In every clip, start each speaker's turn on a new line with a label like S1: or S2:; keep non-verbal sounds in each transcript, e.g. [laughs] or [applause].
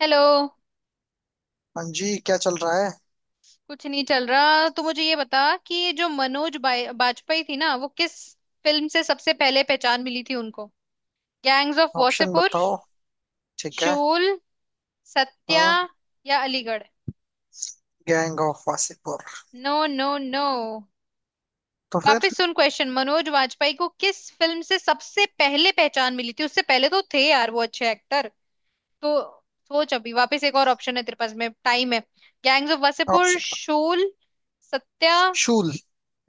S1: Hello.
S2: हाँ जी, क्या चल रहा है।
S1: कुछ नहीं चल रहा, तो मुझे ये बता कि ये जो मनोज बाजपेयी थी ना, वो किस फिल्म से सबसे पहले पहचान मिली थी उनको? गैंग्स ऑफ
S2: ऑप्शन
S1: वासेपुर,
S2: बताओ। ठीक है।
S1: शूल, सत्या
S2: हाँ।
S1: या Aligarh.
S2: Gang of Wasseypur.
S1: No no no.
S2: तो फिर
S1: वापस सुन क्वेश्चन। मनोज वाजपेयी को किस फिल्म से सबसे पहले पहचान मिली थी? उससे पहले तो थे यार वो अच्छे एक्टर, तो सोच। अभी वापस एक और ऑप्शन है तेरे पास, में टाइम है। Gangs of Wasseypur,
S2: option?
S1: Shool, Satya.
S2: Shool,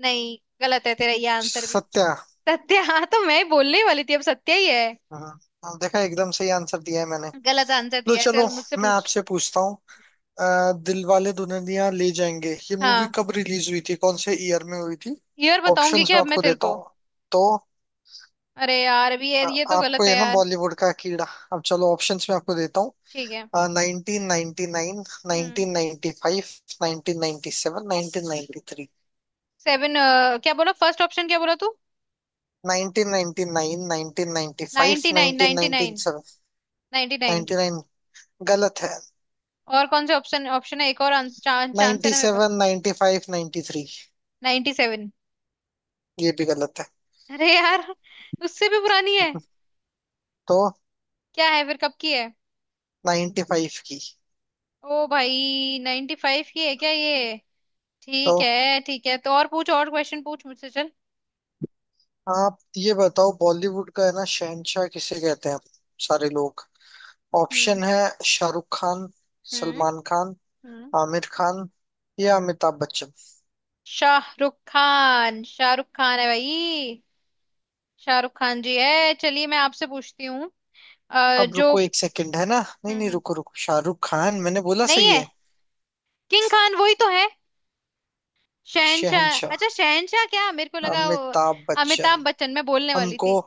S1: नहीं, गलत है तेरा ये आंसर भी।
S2: सत्या।
S1: सत्या, हाँ, तो मैं बोलने ही वाली थी, अब सत्या ही है।
S2: हाँ, अब देखा, एकदम सही आंसर दिया है मैंने।
S1: गलत आंसर
S2: लो,
S1: दिया है,
S2: चलो,
S1: चल मुझसे
S2: मैं
S1: पूछ।
S2: आपसे पूछता हूँ। दिल वाले दुल्हनिया ले जाएंगे ये मूवी
S1: हाँ।
S2: कब रिलीज हुई थी, कौन से ईयर में हुई थी।
S1: ये और बताऊंगी
S2: ऑप्शंस
S1: क्या
S2: मैं
S1: अब मैं
S2: आपको
S1: तेरे
S2: देता
S1: को?
S2: हूँ तो।
S1: अरे यार, अभी ये
S2: अ,
S1: ये तो
S2: आपको
S1: गलत है
S2: ये ना
S1: यार।
S2: बॉलीवुड का कीड़ा। अब चलो ऑप्शंस में आपको देता
S1: ठीक है।
S2: हूँ। Nineteen ninety nine,
S1: hmm.
S2: Nineteen ninety five, nineteen ninety seven, nineteen ninety three.
S1: Seven. क्या बोला फर्स्ट ऑप्शन, क्या बोला तू?
S2: 1999, 1995,
S1: ninety nine ninety nine.
S2: 1997।
S1: Ninety nine.
S2: गलत है।
S1: और कौन से ऑप्शन, ऑप्शन है एक और? चांस, चांस है ना मेरे पास?
S2: 97, 95, 93।
S1: Ninety seven.
S2: ये भी गलत है।
S1: अरे यार, उससे भी पुरानी है।
S2: तो
S1: क्या है फिर, कब की है?
S2: 95 की।
S1: ओ भाई, नाइनटी फाइव की है क्या ये?
S2: तो
S1: ठीक है ठीक है। तो और पूछ, और क्वेश्चन पूछ मुझसे, चल।
S2: आप ये बताओ, बॉलीवुड का है ना शहनशाह किसे कहते हैं सारे लोग।
S1: हम्म।
S2: ऑप्शन है शाहरुख खान,
S1: हम्म।
S2: सलमान खान,
S1: हम्म।
S2: आमिर खान या अमिताभ बच्चन।
S1: शाहरुख खान। शाहरुख खान है भाई। शाहरुख खान जी है। चलिए, मैं आपसे पूछती हूँ।
S2: अब
S1: जो...
S2: रुको, एक सेकंड, है ना। नहीं
S1: हम्म।
S2: नहीं,
S1: हम्म।
S2: रुको रुको, शाहरुख खान मैंने बोला,
S1: नहीं
S2: सही
S1: है।
S2: है।
S1: किंग खान वही तो है। शहनशाह?
S2: शहनशाह
S1: अच्छा, शहनशाह! क्या, मेरे को लगा वो...
S2: अमिताभ बच्चन।
S1: अमिताभ बच्चन मैं बोलने वाली
S2: हमको
S1: थी।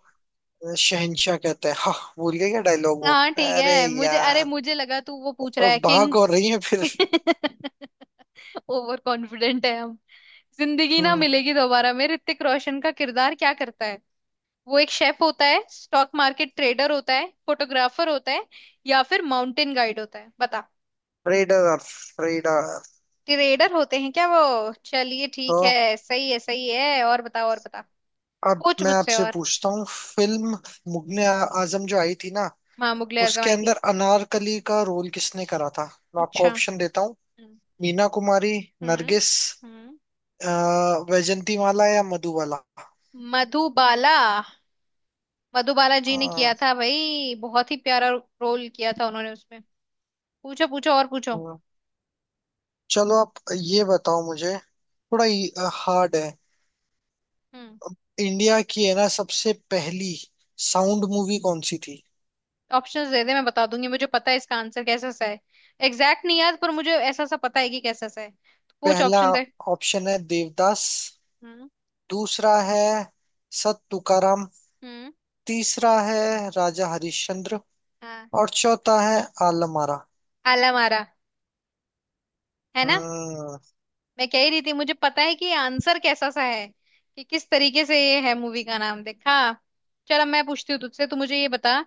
S2: शहनशाह कहता है, हाँ। भूल गए क्या डायलॉग वो।
S1: हाँ ठीक
S2: अरे
S1: है मुझे, अरे
S2: यार,
S1: मुझे लगा तू वो पूछ रहा
S2: और
S1: है, किंग।
S2: भाग और रही है फिर।
S1: [laughs] ओवर कॉन्फिडेंट है हम। जिंदगी ना
S2: हम्म।
S1: मिलेगी दोबारा में ऋतिक रोशन का किरदार क्या करता है? वो एक शेफ होता है, स्टॉक मार्केट ट्रेडर होता है, फोटोग्राफर होता है, या फिर माउंटेन गाइड होता है? बता।
S2: Trader, trader.
S1: ट्रेडर होते हैं क्या वो? चलिए
S2: तो
S1: ठीक है। सही है, सही है। और बता, और बता।
S2: अब
S1: पूछ
S2: मैं
S1: मुझसे,
S2: आपसे
S1: और।
S2: पूछता हूँ, फिल्म मुगले आजम जो आई थी ना,
S1: माँ, मुगले आजम
S2: उसके
S1: आई थी।
S2: अंदर अनारकली का रोल किसने करा था। मैं आपको
S1: अच्छा।
S2: ऑप्शन देता हूँ।
S1: हम्म।
S2: मीना कुमारी,
S1: हम्म।
S2: नरगिस,
S1: हम्म।
S2: अ, वैजंती माला या मधुबाला।
S1: मधुबाला। मधुबाला जी ने
S2: अ,
S1: किया था भाई, बहुत ही प्यारा रोल किया था उन्होंने उसमें। पूछो, पूछो और पूछो।
S2: हम्म, चलो, आप ये बताओ मुझे। थोड़ा हार्ड है।
S1: हम्म।
S2: इंडिया की है ना सबसे पहली साउंड मूवी कौन सी थी।
S1: ऑप्शंस दे दे, मैं बता दूंगी। मुझे पता है इसका आंसर कैसा सा है। एग्जैक्ट नहीं याद, पर मुझे ऐसा सा पता है कि कैसा सा है, तो पूछ
S2: पहला
S1: ऑप्शन दे।
S2: ऑप्शन है देवदास।
S1: हम्म।
S2: दूसरा है सत तुकाराम।
S1: हम्म।
S2: तीसरा है राजा हरिश्चंद्र।
S1: हाँ।
S2: और चौथा है आलम आरा।
S1: आला मारा, है ना?
S2: हम्म।
S1: मैं कह ही रही थी, मुझे पता है कि आंसर कैसा सा है, कि किस तरीके से ये है मूवी का नाम, देखा? चल, अब मैं पूछती हूँ तुझसे। तू मुझे ये बता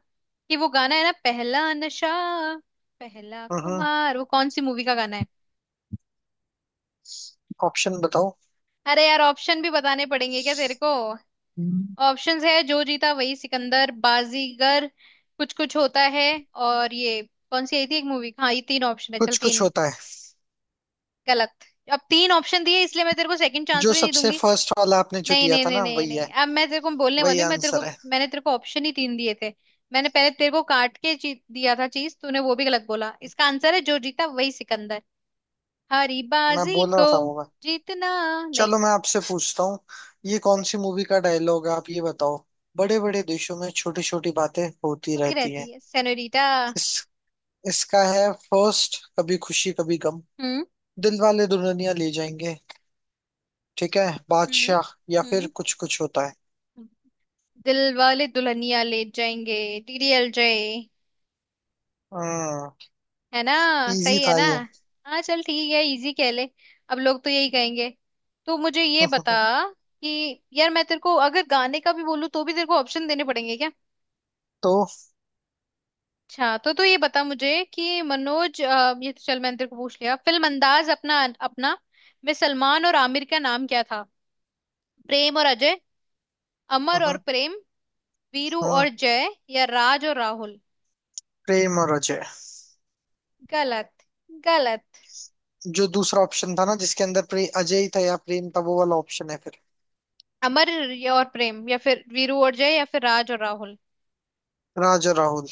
S1: कि वो गाना है ना, पहला नशा पहला
S2: हम्म,
S1: खुमार, वो कौन सी मूवी का गाना है?
S2: ऑप्शन बताओ।
S1: अरे यार, ऑप्शन भी बताने पड़ेंगे क्या तेरे को?
S2: हम्म।
S1: ऑप्शंस है जो जीता वही सिकंदर, बाजीगर, कुछ कुछ होता है, और ये... कौन सी आई थी एक मूवी, हाँ। ये तीन ऑप्शन है, चल
S2: कुछ कुछ
S1: तीन।
S2: होता है।
S1: गलत। अब तीन ऑप्शन दिए, इसलिए मैं तेरे को सेकंड चांस
S2: जो
S1: भी नहीं
S2: सबसे
S1: दूंगी।
S2: फर्स्ट वाला आपने जो
S1: नहीं
S2: दिया
S1: नहीं
S2: था
S1: नहीं
S2: ना,
S1: नहीं
S2: वही है।
S1: नहीं, अब मैं तेरे को बोलने
S2: वही
S1: वाली हूँ मैं तेरे को।
S2: आंसर है।
S1: मैंने तेरे को ऑप्शन ही तीन दिए थे। मैंने पहले तेरे को काट के दिया था चीज, तूने वो भी गलत बोला। इसका आंसर है जो जीता वही सिकंदर। हारी
S2: मैं
S1: बाजी
S2: बोल रहा
S1: को
S2: था वो।
S1: जीतना। नहीं।
S2: चलो, मैं आपसे पूछता हूँ, ये कौन सी मूवी का डायलॉग है, आप ये बताओ। बड़े बड़े देशों में छोटी छोटी बातें होती
S1: होती
S2: रहती हैं।
S1: रहती है सेनोरीटा।
S2: इस इसका है फर्स्ट, कभी खुशी कभी गम,
S1: हम्म।
S2: दिल वाले दुल्हनिया ले जाएंगे, ठीक है,
S1: हम्म।
S2: बादशाह या फिर
S1: हम्म।
S2: कुछ कुछ होता है।
S1: दिल वाले दुल्हनिया ले जाएंगे। डीडीएलजे
S2: हम्म।
S1: है ना?
S2: इजी
S1: सही है
S2: था
S1: ना?
S2: ये।
S1: हाँ चल ठीक है, इजी कह ले। अब लोग तो यही कहेंगे। तो मुझे ये बता
S2: [laughs]
S1: कि यार, मैं तेरे को अगर गाने का भी बोलूँ, तो भी तेरे को ऑप्शन देने पड़ेंगे क्या?
S2: तो।
S1: अच्छा, तो तू ये बता मुझे कि मनोज... ये तो चल मैंने तेरे को पूछ लिया। फिल्म अंदाज अपना अपना में सलमान और आमिर का नाम क्या था? प्रेम और अजय, अमर और
S2: हम्म।
S1: प्रेम, वीरू
S2: हम्म,
S1: और जय या राज और राहुल?
S2: प्रेम और अजय।
S1: गलत। गलत।
S2: जो दूसरा ऑप्शन था ना, जिसके अंदर अजय ही था या प्रेम था, वो वाला ऑप्शन है फिर।
S1: अमर या और प्रेम, या फिर वीरू और जय, या फिर राज और राहुल?
S2: राज और राहुल।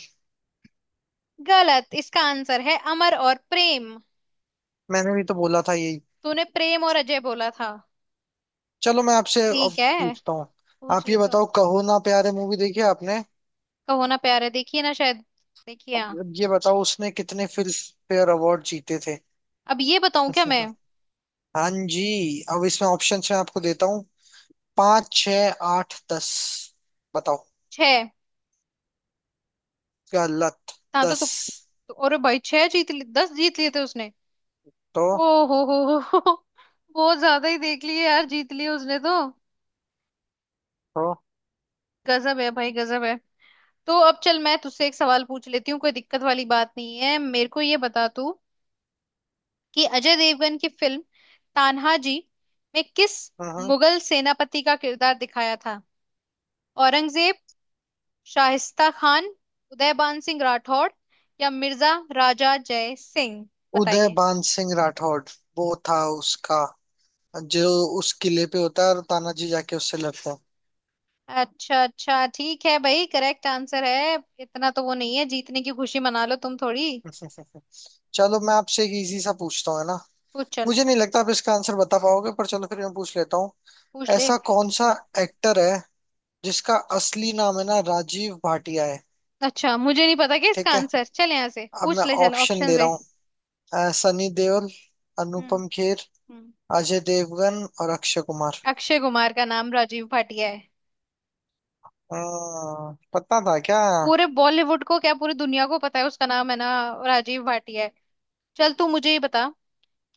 S1: गलत। इसका आंसर है अमर और प्रेम।
S2: मैंने भी तो बोला था यही।
S1: तूने प्रेम और अजय बोला था।
S2: चलो, मैं आपसे अब
S1: ठीक है।
S2: पूछता हूँ,
S1: पूछ
S2: आप ये
S1: ले तो।
S2: बताओ, कहो ना प्यारे मूवी देखी आपने।
S1: कहो ना प्यार है, देखिए ना शायद, देखिए हाँ।
S2: अब ये बताओ उसने कितने फिल्म फेयर अवार्ड जीते थे।
S1: अब ये बताऊं क्या मैं?
S2: [laughs] हाँ जी। अब इसमें ऑप्शंस मैं आपको देता हूँ। पाँच, छ, आठ, दस। बताओ।
S1: छह।
S2: गलत।
S1: हाँ तो,
S2: 10?
S1: तो, तो अरे भाई, छह जीत लिए, दस जीत लिए थे उसने।
S2: तो
S1: ओ हो हो। बहुत ज्यादा ही देख लिए यार, जीत लिए उसने तो।
S2: तो
S1: गजब है भाई, गजब है। तो अब चल, मैं तुझसे एक सवाल पूछ लेती हूँ, कोई दिक्कत वाली बात नहीं है। मेरे को ये बता तू, कि अजय देवगन की फिल्म तान्हाजी में किस
S2: हाँ।
S1: मुगल सेनापति का किरदार दिखाया था? औरंगजेब, शाहिस्ता खान, उदयबान सिंह राठौड़ या मिर्जा राजा जय सिंह।
S2: उदय
S1: बताइए।
S2: बान सिंह राठौड़ वो था उसका, जो उस किले पे होता है और तानाजी जाके उससे लड़ता है।
S1: अच्छा, अच्छा ठीक है भाई, करेक्ट आंसर है। इतना तो वो नहीं है, जीतने की खुशी मना लो तुम थोड़ी।
S2: [laughs] चलो, मैं आपसे एक इजी सा पूछता हूँ, है ना।
S1: पूछ चल।
S2: मुझे नहीं लगता आप इसका आंसर बता पाओगे, पर चलो, फिर मैं पूछ लेता हूँ।
S1: पूछ ले।
S2: ऐसा कौन सा एक्टर है जिसका असली नाम है ना राजीव भाटिया है।
S1: अच्छा मुझे नहीं पता क्या इसका
S2: ठीक है,
S1: आंसर, चल यहाँ से
S2: अब
S1: पूछ
S2: मैं
S1: ले, चल
S2: ऑप्शन
S1: ऑप्शन
S2: दे रहा
S1: दे।
S2: हूँ। सनी देओल,
S1: हम्म।
S2: अनुपम खेर,
S1: हम्म।
S2: अजय देवगन और अक्षय कुमार।
S1: अक्षय कुमार का नाम राजीव भाटिया है।
S2: पता था क्या?
S1: पूरे बॉलीवुड को क्या, पूरी दुनिया को पता है उसका नाम है ना राजीव भाटिया है। चल तू मुझे ये बता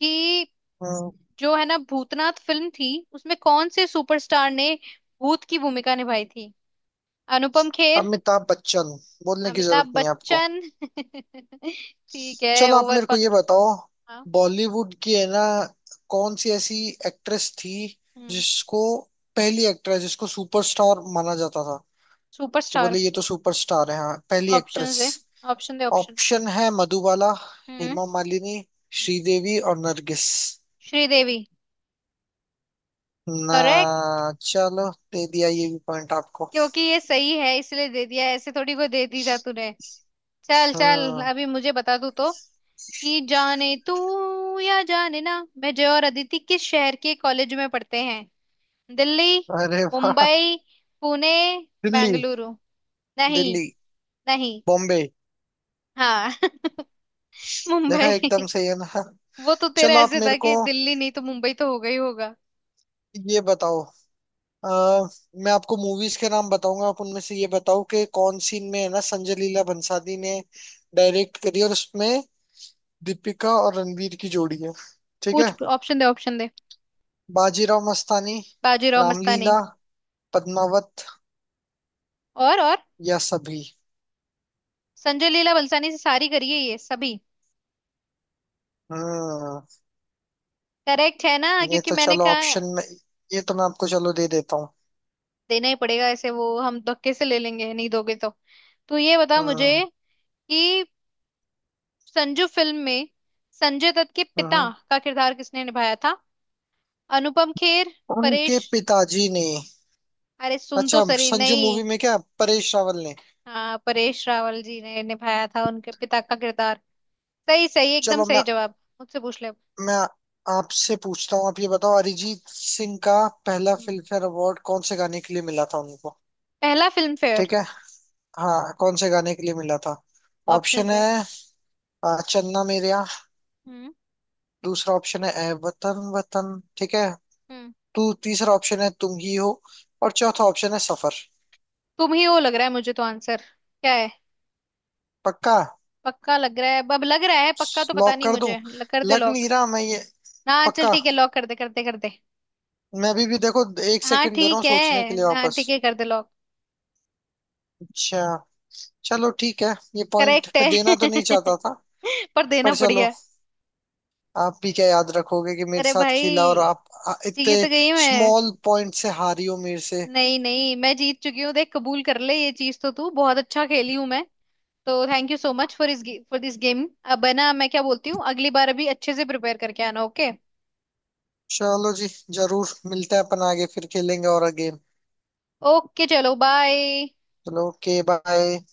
S1: कि
S2: हम्म,
S1: जो है ना भूतनाथ फिल्म थी, उसमें कौन से सुपरस्टार ने भूत की भूमिका निभाई थी? अनुपम खेर,
S2: अमिताभ बच्चन, बोलने की
S1: अमिताभ
S2: जरूरत नहीं है आपको।
S1: बच्चन। [laughs] ठीक है,
S2: चलो, आप
S1: ओवर
S2: मेरे को ये
S1: कॉन्फिडेंस।
S2: बताओ,
S1: हाँ।
S2: बॉलीवुड की है ना कौन सी ऐसी एक्ट्रेस थी
S1: हम्म।
S2: जिसको, पहली एक्ट्रेस जिसको सुपरस्टार माना जाता था, कि
S1: सुपरस्टार।
S2: बोले ये तो सुपरस्टार है, हाँ, पहली एक्ट्रेस।
S1: ऑप्शन दे, ऑप्शन दे ऑप्शन।
S2: ऑप्शन है मधुबाला,
S1: हम्म।
S2: हेमा मालिनी, श्रीदेवी और नरगिस।
S1: श्रीदेवी।
S2: ना।
S1: करेक्ट,
S2: चलो, दे दिया ये भी पॉइंट आपको।
S1: क्योंकि ये सही है इसलिए दे दिया, ऐसे थोड़ी को दे दी था तूने। चल चल,
S2: हम्म।
S1: अभी मुझे बता तू तो, कि जाने तू या जाने ना मैं जय और अदिति किस शहर के कॉलेज में पढ़ते हैं? दिल्ली,
S2: अरे वाह!
S1: मुंबई, पुणे,
S2: दिल्ली,
S1: बेंगलुरु। नहीं।
S2: दिल्ली,
S1: नहीं।
S2: बॉम्बे।
S1: हाँ। [laughs]
S2: देखा,
S1: मुंबई।
S2: एकदम सही है ना।
S1: वो तो तेरा
S2: चलो, आप
S1: ऐसे था
S2: मेरे को
S1: कि दिल्ली नहीं तो मुंबई तो होगा ही होगा।
S2: ये बताओ। अ, मैं आपको मूवीज के नाम बताऊंगा, आप उनमें से ये बताओ कि कौन सी में है ना संजय लीला भंसाली ने डायरेक्ट करी और उसमें दीपिका और रणवीर की जोड़ी है। ठीक है?
S1: पूछ ऑप्शन दे, ऑप्शन दे।
S2: बाजीराव मस्तानी,
S1: बाजीराव मस्तानी।
S2: रामलीला, पद्मावत
S1: और और?
S2: या सभी।
S1: संजय लीला बलसानी से सारी करिए, ये सभी।
S2: हम्म।
S1: करेक्ट है ना,
S2: ये
S1: क्योंकि
S2: तो
S1: मैंने
S2: चलो
S1: कहा है।
S2: ऑप्शन में ये तो मैं आपको चलो दे देता हूँ।
S1: देना ही पड़ेगा, ऐसे वो हम धक्के से ले लेंगे नहीं दोगे तो। तू ये बता मुझे
S2: हम्म।
S1: कि संजू फिल्म में संजय दत्त के
S2: हम्म।
S1: पिता
S2: हम्म।
S1: का किरदार किसने निभाया था? अनुपम खेर,
S2: उनके
S1: परेश...
S2: पिताजी ने।
S1: अरे सुन तो
S2: अच्छा,
S1: सही।
S2: संजू
S1: नहीं।
S2: मूवी में क्या परेश रावल ने?
S1: हाँ, परेश रावल जी ने निभाया था उनके पिता का किरदार। सही सही एकदम,
S2: चलो, मैं
S1: सही जवाब। मुझसे पूछ ले अब।
S2: मैं आपसे पूछता हूँ, आप ये बताओ, अरिजीत सिंह का पहला
S1: हम्म।
S2: फिल्मफेयर अवार्ड कौन से गाने के लिए मिला था उनको।
S1: पहला फिल्म फेयर।
S2: ठीक है, हाँ, कौन से गाने के लिए मिला था?
S1: ऑप्शन
S2: ऑप्शन
S1: है।
S2: है। चन्ना मेरेया।
S1: हम्म।
S2: दूसरा ऑप्शन है ए वतन वतन, ठीक है।
S1: हम्म।
S2: तू, तीसरा ऑप्शन है तुम ही हो। और चौथा ऑप्शन है सफर।
S1: तुम ही हो लग रहा है मुझे तो आंसर। क्या है?
S2: पक्का?
S1: पक्का लग रहा है, अब लग रहा है पक्का। तो पता
S2: लॉक
S1: नहीं
S2: कर दूं?
S1: मुझे, कर दे
S2: लग
S1: लॉक।
S2: नहीं रहा मैं ये,
S1: हाँ चल
S2: पक्का।
S1: ठीक है, लॉक कर दे, कर दे कर दे।
S2: मैं अभी भी देखो एक
S1: हाँ
S2: सेकंड दे रहा हूँ
S1: ठीक है।
S2: सोचने के लिए
S1: हाँ
S2: वापस।
S1: ठीक है, कर दे लॉक।
S2: अच्छा, चलो, ठीक है। ये पॉइंट
S1: करेक्ट
S2: मैं देना तो नहीं
S1: है।
S2: चाहता था,
S1: [laughs] पर देना
S2: पर
S1: पड़
S2: चलो,
S1: गया।
S2: आप भी क्या याद रखोगे कि मेरे
S1: अरे
S2: साथ खेला और
S1: भाई,
S2: आप इतने
S1: जीत गई मैं।
S2: स्मॉल पॉइंट से हारी हो मेरे से।
S1: नहीं नहीं, मैं जीत चुकी हूँ। देख, कबूल कर ले ये चीज तो। तू बहुत अच्छा खेली हूँ मैं, तो thank you so much for इस, फॉर दिस गेम। अब है ना, मैं क्या बोलती हूँ, अगली बार अभी अच्छे से प्रिपेयर करके आना, ओके?
S2: चलो जी, जरूर मिलते हैं, अपन आगे फिर खेलेंगे और अगेन।
S1: ओके चलो, बाय।
S2: चलो, ओके, बाय।